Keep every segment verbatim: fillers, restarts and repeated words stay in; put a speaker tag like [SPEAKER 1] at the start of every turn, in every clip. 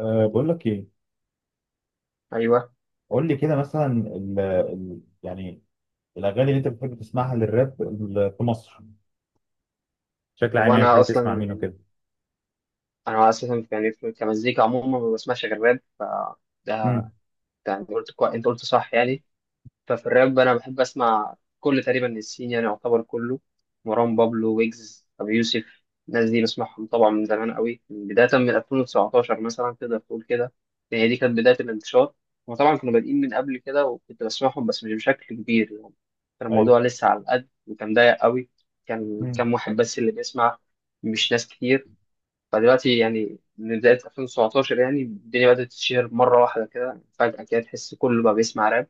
[SPEAKER 1] أه بقول لك ايه،
[SPEAKER 2] ايوه،
[SPEAKER 1] قول لي كده مثلا ال ال يعني الاغاني اللي انت بتحب تسمعها للراب ال- في مصر بشكل
[SPEAKER 2] هو
[SPEAKER 1] عام، يعني
[SPEAKER 2] انا
[SPEAKER 1] بتحب تسمع
[SPEAKER 2] اصلا
[SPEAKER 1] مين
[SPEAKER 2] يعني،
[SPEAKER 1] وكده؟
[SPEAKER 2] انا اساسا يعني في- كمزيكا عموما ما بسمعش غير راب. ف ده
[SPEAKER 1] امم.
[SPEAKER 2] ده انت قلت كوي... انت قلت صح يعني. ففي الراب انا بحب اسمع كل تقريبا السين يعني، يعتبر كله: مروان بابلو، ويجز، ابي يوسف. الناس دي بسمعهم طبعا من زمان قوي، من بدايه من ألفين وتسعة عشر مثلا، تقدر تقول كده. يعني دي كانت بدايه الانتشار. وطبعا كانوا بادئين من قبل كده وكنت بسمعهم، بس مش بشكل كبير يعني. كان
[SPEAKER 1] ايوه.
[SPEAKER 2] الموضوع لسه على القد وكان ضيق قوي. كان
[SPEAKER 1] امم.
[SPEAKER 2] كام واحد بس اللي بيسمع، مش ناس كتير. فدلوقتي يعني، من بداية ألفين وسبعتاشر يعني، الدنيا بدأت تتشهر مرة واحدة كده، فجأة كده، تحس كله بقى بيسمع راب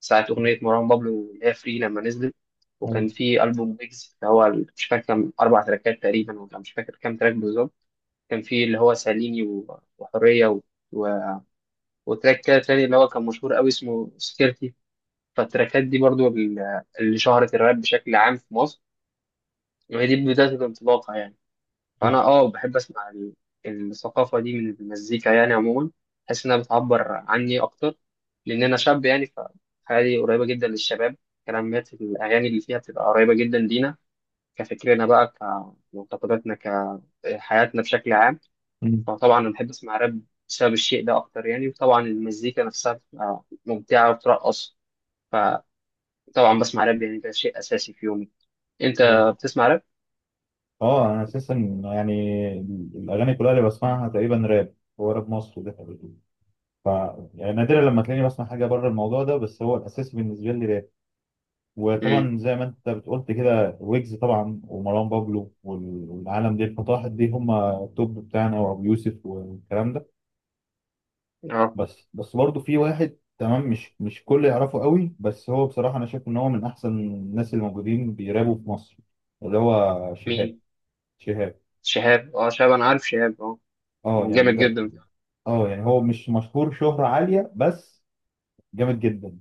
[SPEAKER 2] ساعة أغنية مروان بابلو اللي هي فري لما نزلت. وكان
[SPEAKER 1] ايوه.
[SPEAKER 2] في ألبوم ويجز اللي هو ال- مش فاكر كام، أربع تراكات تقريبا، ولا مش فاكر كام تراك بالظبط. كان في اللي هو ساليني، و- وحرية، و... و... وتراك كده تاني اللي هو كان مشهور قوي اسمه سكيرتي. فالتراكات دي برضو ال- اللي شهرت الراب بشكل عام في مصر، وهي دي بداية الانطلاقة يعني. فانا اه بحب اسمع ال- الثقافه دي من المزيكا يعني عموما، بحس انها بتعبر عني اكتر، لان انا شاب يعني، فحياتي قريبه جدا للشباب. كلمات الاغاني اللي فيها بتبقى قريبه جدا لينا، كفكرنا بقى، كمعتقداتنا، كحياتنا بشكل عام.
[SPEAKER 1] امم.
[SPEAKER 2] فطبعا انا بحب اسمع راب بسبب الشيء ده اكتر يعني، وطبعا المزيكا نفسها بتبقى ممتعه وترقص. فطبعا بسمع راب يعني ده شيء اساسي في يومي. انت
[SPEAKER 1] ايوه.
[SPEAKER 2] بتسمع راب؟
[SPEAKER 1] اه، انا اساسا يعني ال- الاغاني كلها اللي بسمعها تقريبا راب. هو راب مصر ده حقيقي. ف يعني نادرا لما تلاقيني بسمع حاجه بره الموضوع ده، بس هو الاساسي بالنسبه لي راب.
[SPEAKER 2] امم.
[SPEAKER 1] وطبعا زي ما انت بتقولت كده ويجز طبعا ومروان بابلو وال- والعالم دي الفطاحل دي هم التوب بتاعنا وابو يوسف والكلام ده.
[SPEAKER 2] اه.
[SPEAKER 1] بس بس برضه في واحد تمام، مش مش كل يعرفه قوي، بس هو بصراحة أنا شايف إن هو من أحسن الناس اللي موجودين بيرابوا في مصر، اللي هو شهاب.
[SPEAKER 2] مين؟
[SPEAKER 1] شهاب،
[SPEAKER 2] شهاب؟ اه شهاب، انا عارف شهاب، اه.
[SPEAKER 1] أه يعني
[SPEAKER 2] جامد
[SPEAKER 1] ده.
[SPEAKER 2] جدا.
[SPEAKER 1] أه يعني هو مش مشهور شهرة عالية، بس جامد جدا.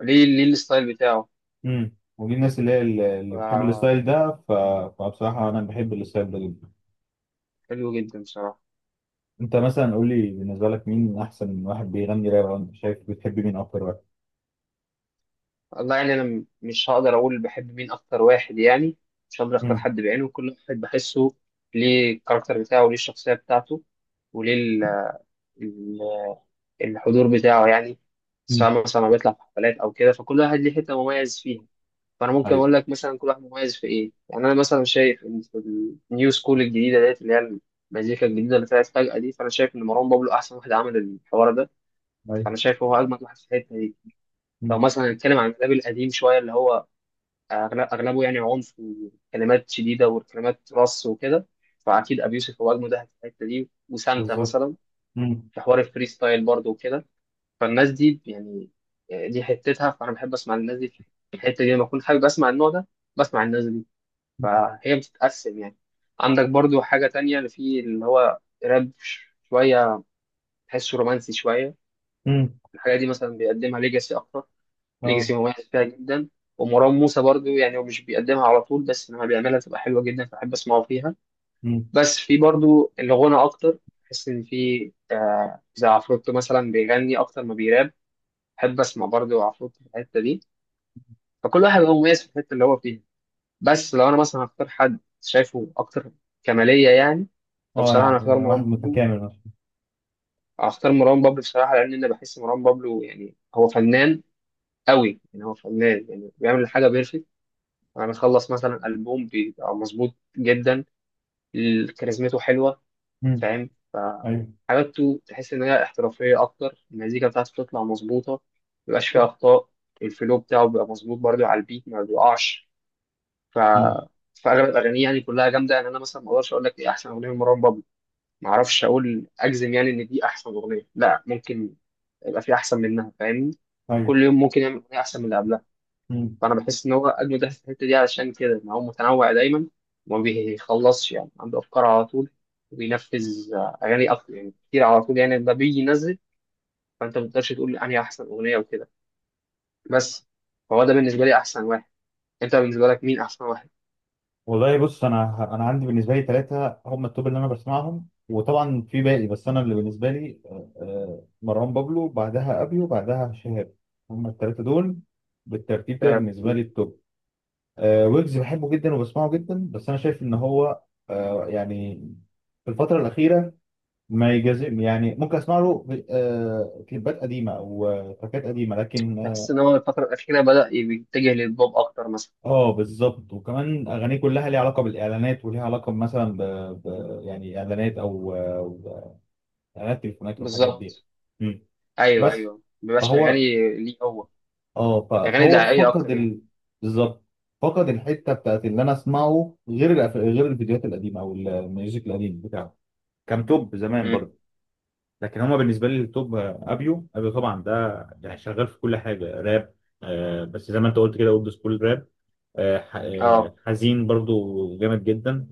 [SPEAKER 2] ليه ليه الستايل بتاعه.
[SPEAKER 1] امم ودي الناس اللي هي اللي اللي بتحب
[SPEAKER 2] ف-
[SPEAKER 1] الستايل ده، ف... فبصراحة أنا بحب الستايل ده جدا.
[SPEAKER 2] حلو جدا بصراحة.
[SPEAKER 1] أنت مثلا قول لي بالنسبة لك مين أحسن واحد بيغني راب، أو أنت شايف بتحب مين أكتر واحد؟
[SPEAKER 2] والله يعني، أنا م- مش هقدر أقول بحب مين أكتر واحد يعني، مش هقدر أختار
[SPEAKER 1] امم.
[SPEAKER 2] حد بعينه، كل واحد بحسه ليه الكاركتر بتاعه، وليه الشخصية بتاعته، وليه ال- ال- الحضور بتاعه يعني.
[SPEAKER 1] مم.
[SPEAKER 2] سواء مثلا لما بيطلع في حفلات أو كده، فكل واحد ليه حتة مميز فيها. فأنا ممكن
[SPEAKER 1] أيوه،
[SPEAKER 2] أقول لك مثلا كل واحد مميز في إيه يعني، أنا مثلا شايف إن في النيو سكول الجديدة ديت، اللي هي المزيكا الجديدة اللي طلعت فجأة دي، فأنا شايف إن مروان بابلو أحسن واحد عمل الحوار ده.
[SPEAKER 1] أيوه.
[SPEAKER 2] فانا شايف هو اجمد واحد في الحته دي. لو
[SPEAKER 1] مم.
[SPEAKER 2] مثلا هنتكلم عن الراب القديم شويه، اللي هو أغل- اغلبه يعني عنف وكلمات شديده وكلمات رص وكده، فاكيد ابي يوسف هو اجمد واحد في الحته دي، وسانتا
[SPEAKER 1] بالظبط.
[SPEAKER 2] مثلا،
[SPEAKER 1] مم.
[SPEAKER 2] في حوار الفري ستايل برضه وكده. فالناس دي يعني، دي حتتها. فانا بحب اسمع الناس دي في الحته دي، لما اكون حابب اسمع النوع ده بسمع الناس دي. فهي بتتقسم يعني. عندك برضه حاجه تانية اللي فيه، اللي هو راب ش- شويه، تحسه رومانسي شويه.
[SPEAKER 1] امم.
[SPEAKER 2] الحاجه دي مثلا بيقدمها ليجاسي اكتر.
[SPEAKER 1] أه.
[SPEAKER 2] ليجاسي مميز فيها جدا. ومروان موسى برضو يعني، هو مش بيقدمها على طول، بس لما بيعملها بتبقى حلوه جدا، فبحب اسمعه فيها.
[SPEAKER 1] مم.
[SPEAKER 2] بس في برضو الغنى اكتر، بحس ان في آه، زي عفروتو مثلا بيغني اكتر ما بيراب. بحب اسمع برضو عفروتو في الحته دي. فكل واحد هو مميز في الحته اللي هو فيها. بس لو انا مثلا هختار حد شايفه اكتر كماليه يعني،
[SPEAKER 1] اه، انا
[SPEAKER 2] فبصراحه انا هختار
[SPEAKER 1] أنا واحد
[SPEAKER 2] مروان بابلو.
[SPEAKER 1] متكامل مثلا.
[SPEAKER 2] هختار مروان بابلو بصراحه، لان انا بحس مروان بابلو يعني هو فنان قوي يعني، هو فنان يعني بيعمل حاجه بيرفكت. انا مخلص مثلا البوم بيبقى مظبوط جدا. ال- كاريزمته حلوه،
[SPEAKER 1] مم.
[SPEAKER 2] فاهم؟ ف
[SPEAKER 1] ايوه.
[SPEAKER 2] حاجاته تحس ان هي احترافيه اكتر. المزيكا بتاعته بتطلع مظبوطه، مبيبقاش فيها اخطاء. الفلو بتاعه بيبقى مظبوط برضه على البيت، ما بيقعش. ف
[SPEAKER 1] مم.
[SPEAKER 2] فاغلب اغانيه يعني كلها جامده يعني، انا مثلا ما اقدرش اقول لك ايه احسن اغنيه لمروان بابلو. ما اعرفش اقول اجزم يعني ان دي احسن اغنيه، لا، ممكن يبقى في احسن منها، فاهمني؟
[SPEAKER 1] ايوه.
[SPEAKER 2] كل يوم ممكن يعمل اغنيه احسن من اللي قبلها.
[SPEAKER 1] مم.
[SPEAKER 2] فانا بحس ان هو اجمد واحد في الحته دي علشان كده ان هو متنوع دايما، وما بيخلصش يعني، عنده افكار على طول، وبينفذ آه، اغاني اكتر يعني، كتير على طول يعني لما بيجي ينزل. فانت ما تقدرش تقول انهي احسن اغنيه وكده، بس. فهو ده بالنسبه لي احسن واحد. انت بالنسبه لك مين احسن واحد؟
[SPEAKER 1] والله، بص، انا انا عندي بالنسبه لي ثلاثه هم التوب اللي انا بسمعهم، وطبعا في باقي، بس انا اللي بالنسبه لي آه، آه، مروان بابلو، بعدها ابيو، وبعدها شهاب. هم الثلاثه دول بالترتيب كده
[SPEAKER 2] آه،
[SPEAKER 1] بالنسبه لي التوب. آه، ويجز بحبه جدا وبسمعه جدا، بس انا شايف ان هو آه، يعني في الفتره الاخيره ما يجازم، يعني ممكن اسمع له آه، كليبات قديمه او آه، تراكات قديمه، لكن
[SPEAKER 2] بحس ان هو الفتره الاخيره بدا يتجه للبوب اكتر مثلا.
[SPEAKER 1] اه، بالظبط، وكمان اغانيه كلها ليها علاقه بالاعلانات وليها علاقه مثلا ب... ب... يعني اعلانات او أو اعلانات تليفونات والحاجات دي.
[SPEAKER 2] بالظبط.
[SPEAKER 1] مم.
[SPEAKER 2] ايوه
[SPEAKER 1] بس
[SPEAKER 2] ايوه، ما بيبقاش اغاني.
[SPEAKER 1] فهو
[SPEAKER 2] ليه هو؟
[SPEAKER 1] اه ف...
[SPEAKER 2] اغاني
[SPEAKER 1] فهو
[SPEAKER 2] دعائيه
[SPEAKER 1] فقد
[SPEAKER 2] اكتر يعني.
[SPEAKER 1] ال... بالظبط فقد الحته بتاعت اللي انا اسمعه، غير الأف... غير الفيديوهات القديمه او الميوزك القديم بتاعه، كان توب زمان
[SPEAKER 2] مم.
[SPEAKER 1] برضه. لكن هما بالنسبه لي التوب، آه، ابيو، ابيو طبعا ده يعني شغال في كل حاجه راب. آه بس زي ما انت قلت كده اولد سكول راب، آه، ح-
[SPEAKER 2] اه،
[SPEAKER 1] آه، حزين برضو جامد جدا.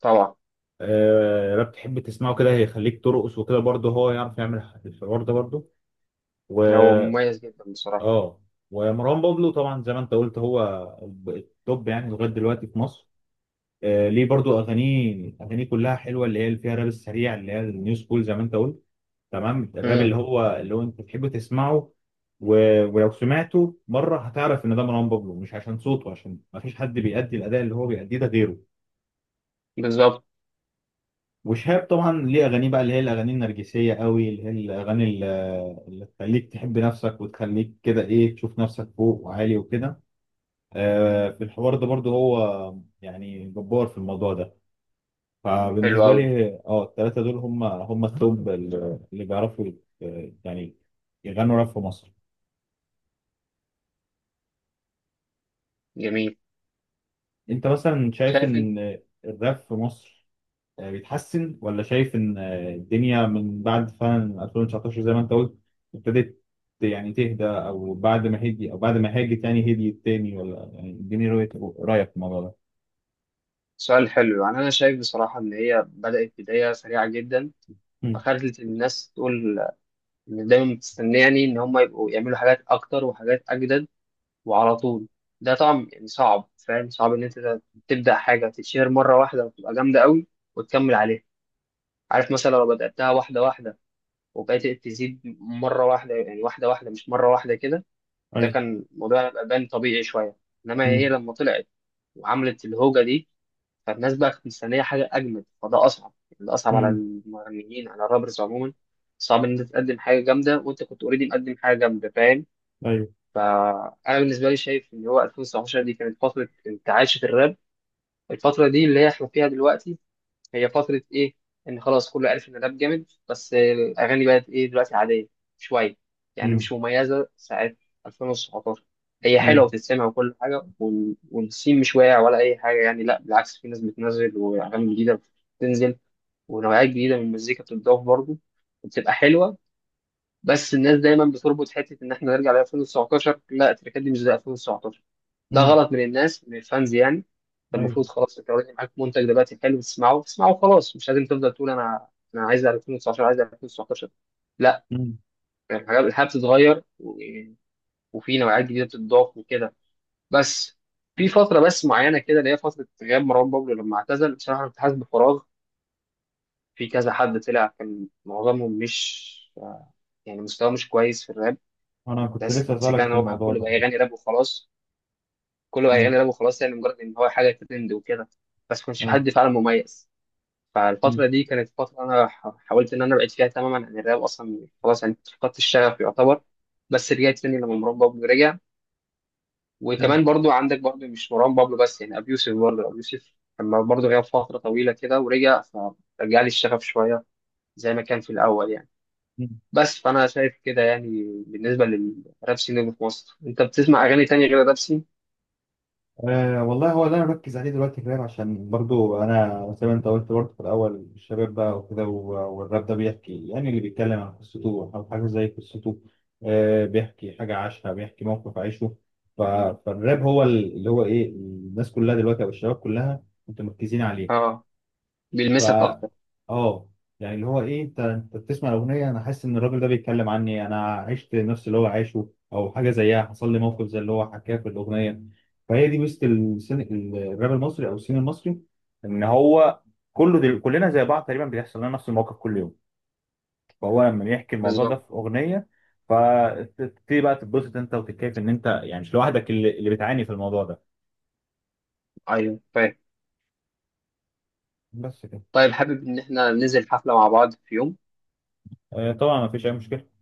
[SPEAKER 2] طبعا.
[SPEAKER 1] آه، راب تحب تسمعه كده هيخليك ترقص وكده برضه هو يعرف يعمل الحوار ده برضه. و
[SPEAKER 2] هو مميز جدا بصراحه.
[SPEAKER 1] اه ومروان بابلو طبعا زي ما انت قلت هو التوب يعني لغايه دلوقتي في مصر. آه، ليه برضه اغانيه اغانيه كلها حلوه اللي هي اللي فيها الراب السريع اللي هي النيو سكول زي ما انت قلت، تمام الراب اللي
[SPEAKER 2] مم.
[SPEAKER 1] هو اللي هو انت تحب تسمعه. و... ولو سمعته مره هتعرف ان ده مروان بابلو، مش عشان صوته، عشان ما فيش حد بيأدي الاداء اللي هو بيأديه ده غيره.
[SPEAKER 2] بالظبط.
[SPEAKER 1] وشهاب طبعا ليه اغانيه بقى اللي هي الاغاني النرجسيه قوي اللي هي الاغاني اللي اللي تخليك تحب نفسك وتخليك كده ايه تشوف نفسك فوق وعالي وكده. آه في الحوار ده برضو هو يعني جبار في الموضوع ده.
[SPEAKER 2] حلو
[SPEAKER 1] فبالنسبه
[SPEAKER 2] قوي.
[SPEAKER 1] لي اه الثلاثه دول هم هم التوب اللي اللي بيعرفوا آه، يعني يغنوا راب في مصر.
[SPEAKER 2] جميل.
[SPEAKER 1] انت مثلا شايف
[SPEAKER 2] شايف إنت؟
[SPEAKER 1] ان الراب في مصر آه، بيتحسن، ولا شايف ان آه، الدنيا من بعد فعلا ألفين وتسعطاشر زي ما انت قلت ابتدت يعني تهدى، او بعد ما هدي، او بعد ما هاجت يعني هديت تاني، ولا يعني اديني رؤية رأيك في الموضوع ده؟
[SPEAKER 2] سؤال حلو. يعني انا شايف بصراحه ان هي بدات بدايه سريعه جدا،
[SPEAKER 1] مم.
[SPEAKER 2] فخلت الناس تقول ان دايما بتستناني ان هم يبقوا يعملوا حاجات اكتر وحاجات اجدد وعلى طول. ده طبعا يعني صعب، فاهم؟ صعب ان انت تبدا حاجه تتشهر مره واحده وتبقى جامده قوي وتكمل عليها. عارف مثلا، لو بداتها واحده واحده وبقيت تزيد مره واحده يعني واحده واحده، مش مره واحده كده، ده
[SPEAKER 1] ايوه.
[SPEAKER 2] كان الموضوع يبقى بان طبيعي شويه. انما هي
[SPEAKER 1] مم.
[SPEAKER 2] لما طلعت وعملت الهوجه دي، فالناس بقى كانت مستنية حاجة أجمد، فده أصعب يعني. ده أصعب على
[SPEAKER 1] مم.
[SPEAKER 2] المغنيين، على الرابرز عموما. صعب إن أنت تقدم حاجة جامدة وأنت كنت أوريدي مقدم حاجة جامدة، فاهم؟
[SPEAKER 1] ايوه.
[SPEAKER 2] فأنا بالنسبة لي شايف إن هو ألفين وتسعتاشر دي كانت فترة انتعاش في الراب. الفترة دي اللي هي إحنا فيها دلوقتي، هي فترة إيه؟ إن خلاص كله عرف إن الراب جامد، بس الأغاني بقت إيه دلوقتي، عادية شوية يعني،
[SPEAKER 1] مم.
[SPEAKER 2] مش مميزة ساعة ألفين وتسعة عشر. هي حلوة
[SPEAKER 1] ايوه.
[SPEAKER 2] وتتسمع وكل حاجة، وال- والسين مش واقع ولا أي حاجة يعني، لا بالعكس، في ناس بتنزل وأغاني جديدة بتنزل، ونوعيات جديدة من المزيكا بتتضاف برضه، وبتبقى حلوة. بس الناس دايما بتربط حته ان احنا نرجع ل ألفين وتسعتاشر، لا، التركات دي مش زي ألفين وتسعتاشر. ده
[SPEAKER 1] مم.
[SPEAKER 2] غلط من الناس، من الفانز يعني. انت
[SPEAKER 1] ايوه.
[SPEAKER 2] المفروض خلاص، انت اوريدي معاك منتج دلوقتي حلو، تسمعه تسمعه، خلاص. مش لازم تفضل تقول انا انا عايز ألفين وتسعتاشر، عايز ألفين وتسعتاشر، لا.
[SPEAKER 1] مم.
[SPEAKER 2] يعني الحاجات، الحياه بتتغير، و- وفي نوعيات جديده بتتضاف وكده، بس. في فتره بس معينه كده، اللي هي فتره غياب مروان بابلو لما اعتزل، بصراحه انا كنت حاسس بفراغ. في كذا حد طلع، كان معظمهم مش يعني، مستواه مش كويس في الراب،
[SPEAKER 1] انا كنت
[SPEAKER 2] بس.
[SPEAKER 1] لسه اسالك
[SPEAKER 2] كان
[SPEAKER 1] في
[SPEAKER 2] هو
[SPEAKER 1] الموضوع
[SPEAKER 2] كله بقى
[SPEAKER 1] ده.
[SPEAKER 2] يغني راب وخلاص، كله بقى
[SPEAKER 1] مم.
[SPEAKER 2] يغني راب وخلاص يعني، مجرد ان هو حاجه ترند وكده، بس ما كانش في
[SPEAKER 1] ايوه.
[SPEAKER 2] حد فعلا مميز. فالفتره
[SPEAKER 1] مم.
[SPEAKER 2] دي كانت فتره انا ح- حاولت ان انا ابعد فيها تماما عن الراب اصلا، خلاص يعني فقدت الشغف يعتبر. بس رجعت تاني لما مروان بابلو رجع. وكمان برضو، عندك برضو، مش مروان بابلو بس يعني، ابي يوسف برضو، ابي يوسف لما برضو غاب فتره طويله كده ورجع، فرجع لي الشغف شويه زي ما كان في الاول يعني.
[SPEAKER 1] مم.
[SPEAKER 2] بس فانا شايف كده يعني بالنسبه للراب سين اللي في مصر. انت بتسمع اغاني تانية غير الراب سين؟
[SPEAKER 1] أه، والله هو اللي انا بركز عليه دلوقتي كمان، عشان برضو انا زي ما انت قلت برضو في الاول الشباب بقى وكده، و- والراب ده بيحكي، يعني اللي بيتكلم عن قصته او حاجه زي قصته. أه، بيحكي حاجه عاشها، بيحكي موقف عايشه. ف- فالراب هو ال- اللي هو ايه الناس كلها دلوقتي او الشباب كلها متمركزين عليه.
[SPEAKER 2] اه
[SPEAKER 1] ف
[SPEAKER 2] بيلمسك اكتر.
[SPEAKER 1] اه يعني اللي هو ايه انت انت بتسمع الاغنيه، انا حاسس ان الراجل ده بيتكلم عني، انا عشت نفس اللي هو عاشه او حاجه زيها، حصل لي موقف زي اللي هو حكاه في الاغنيه. فهي دي ميزه السن... الراب المصري او السين المصري، ان هو كله دل... كلنا زي بعض تقريبا بيحصل لنا نفس الموقف كل يوم. فهو لما يحكي الموضوع ده
[SPEAKER 2] بالظبط.
[SPEAKER 1] في اغنيه، فتبتدي بقى تتبسط انت وتتكيف ان انت يعني مش لوحدك اللي, اللي بتعاني في الموضوع ده.
[SPEAKER 2] ايوه، فاهم.
[SPEAKER 1] بس كده.
[SPEAKER 2] طيب، حابب ان احنا ننزل حفله مع بعض في يوم؟
[SPEAKER 1] آه، طبعا ما فيش اي مشكله.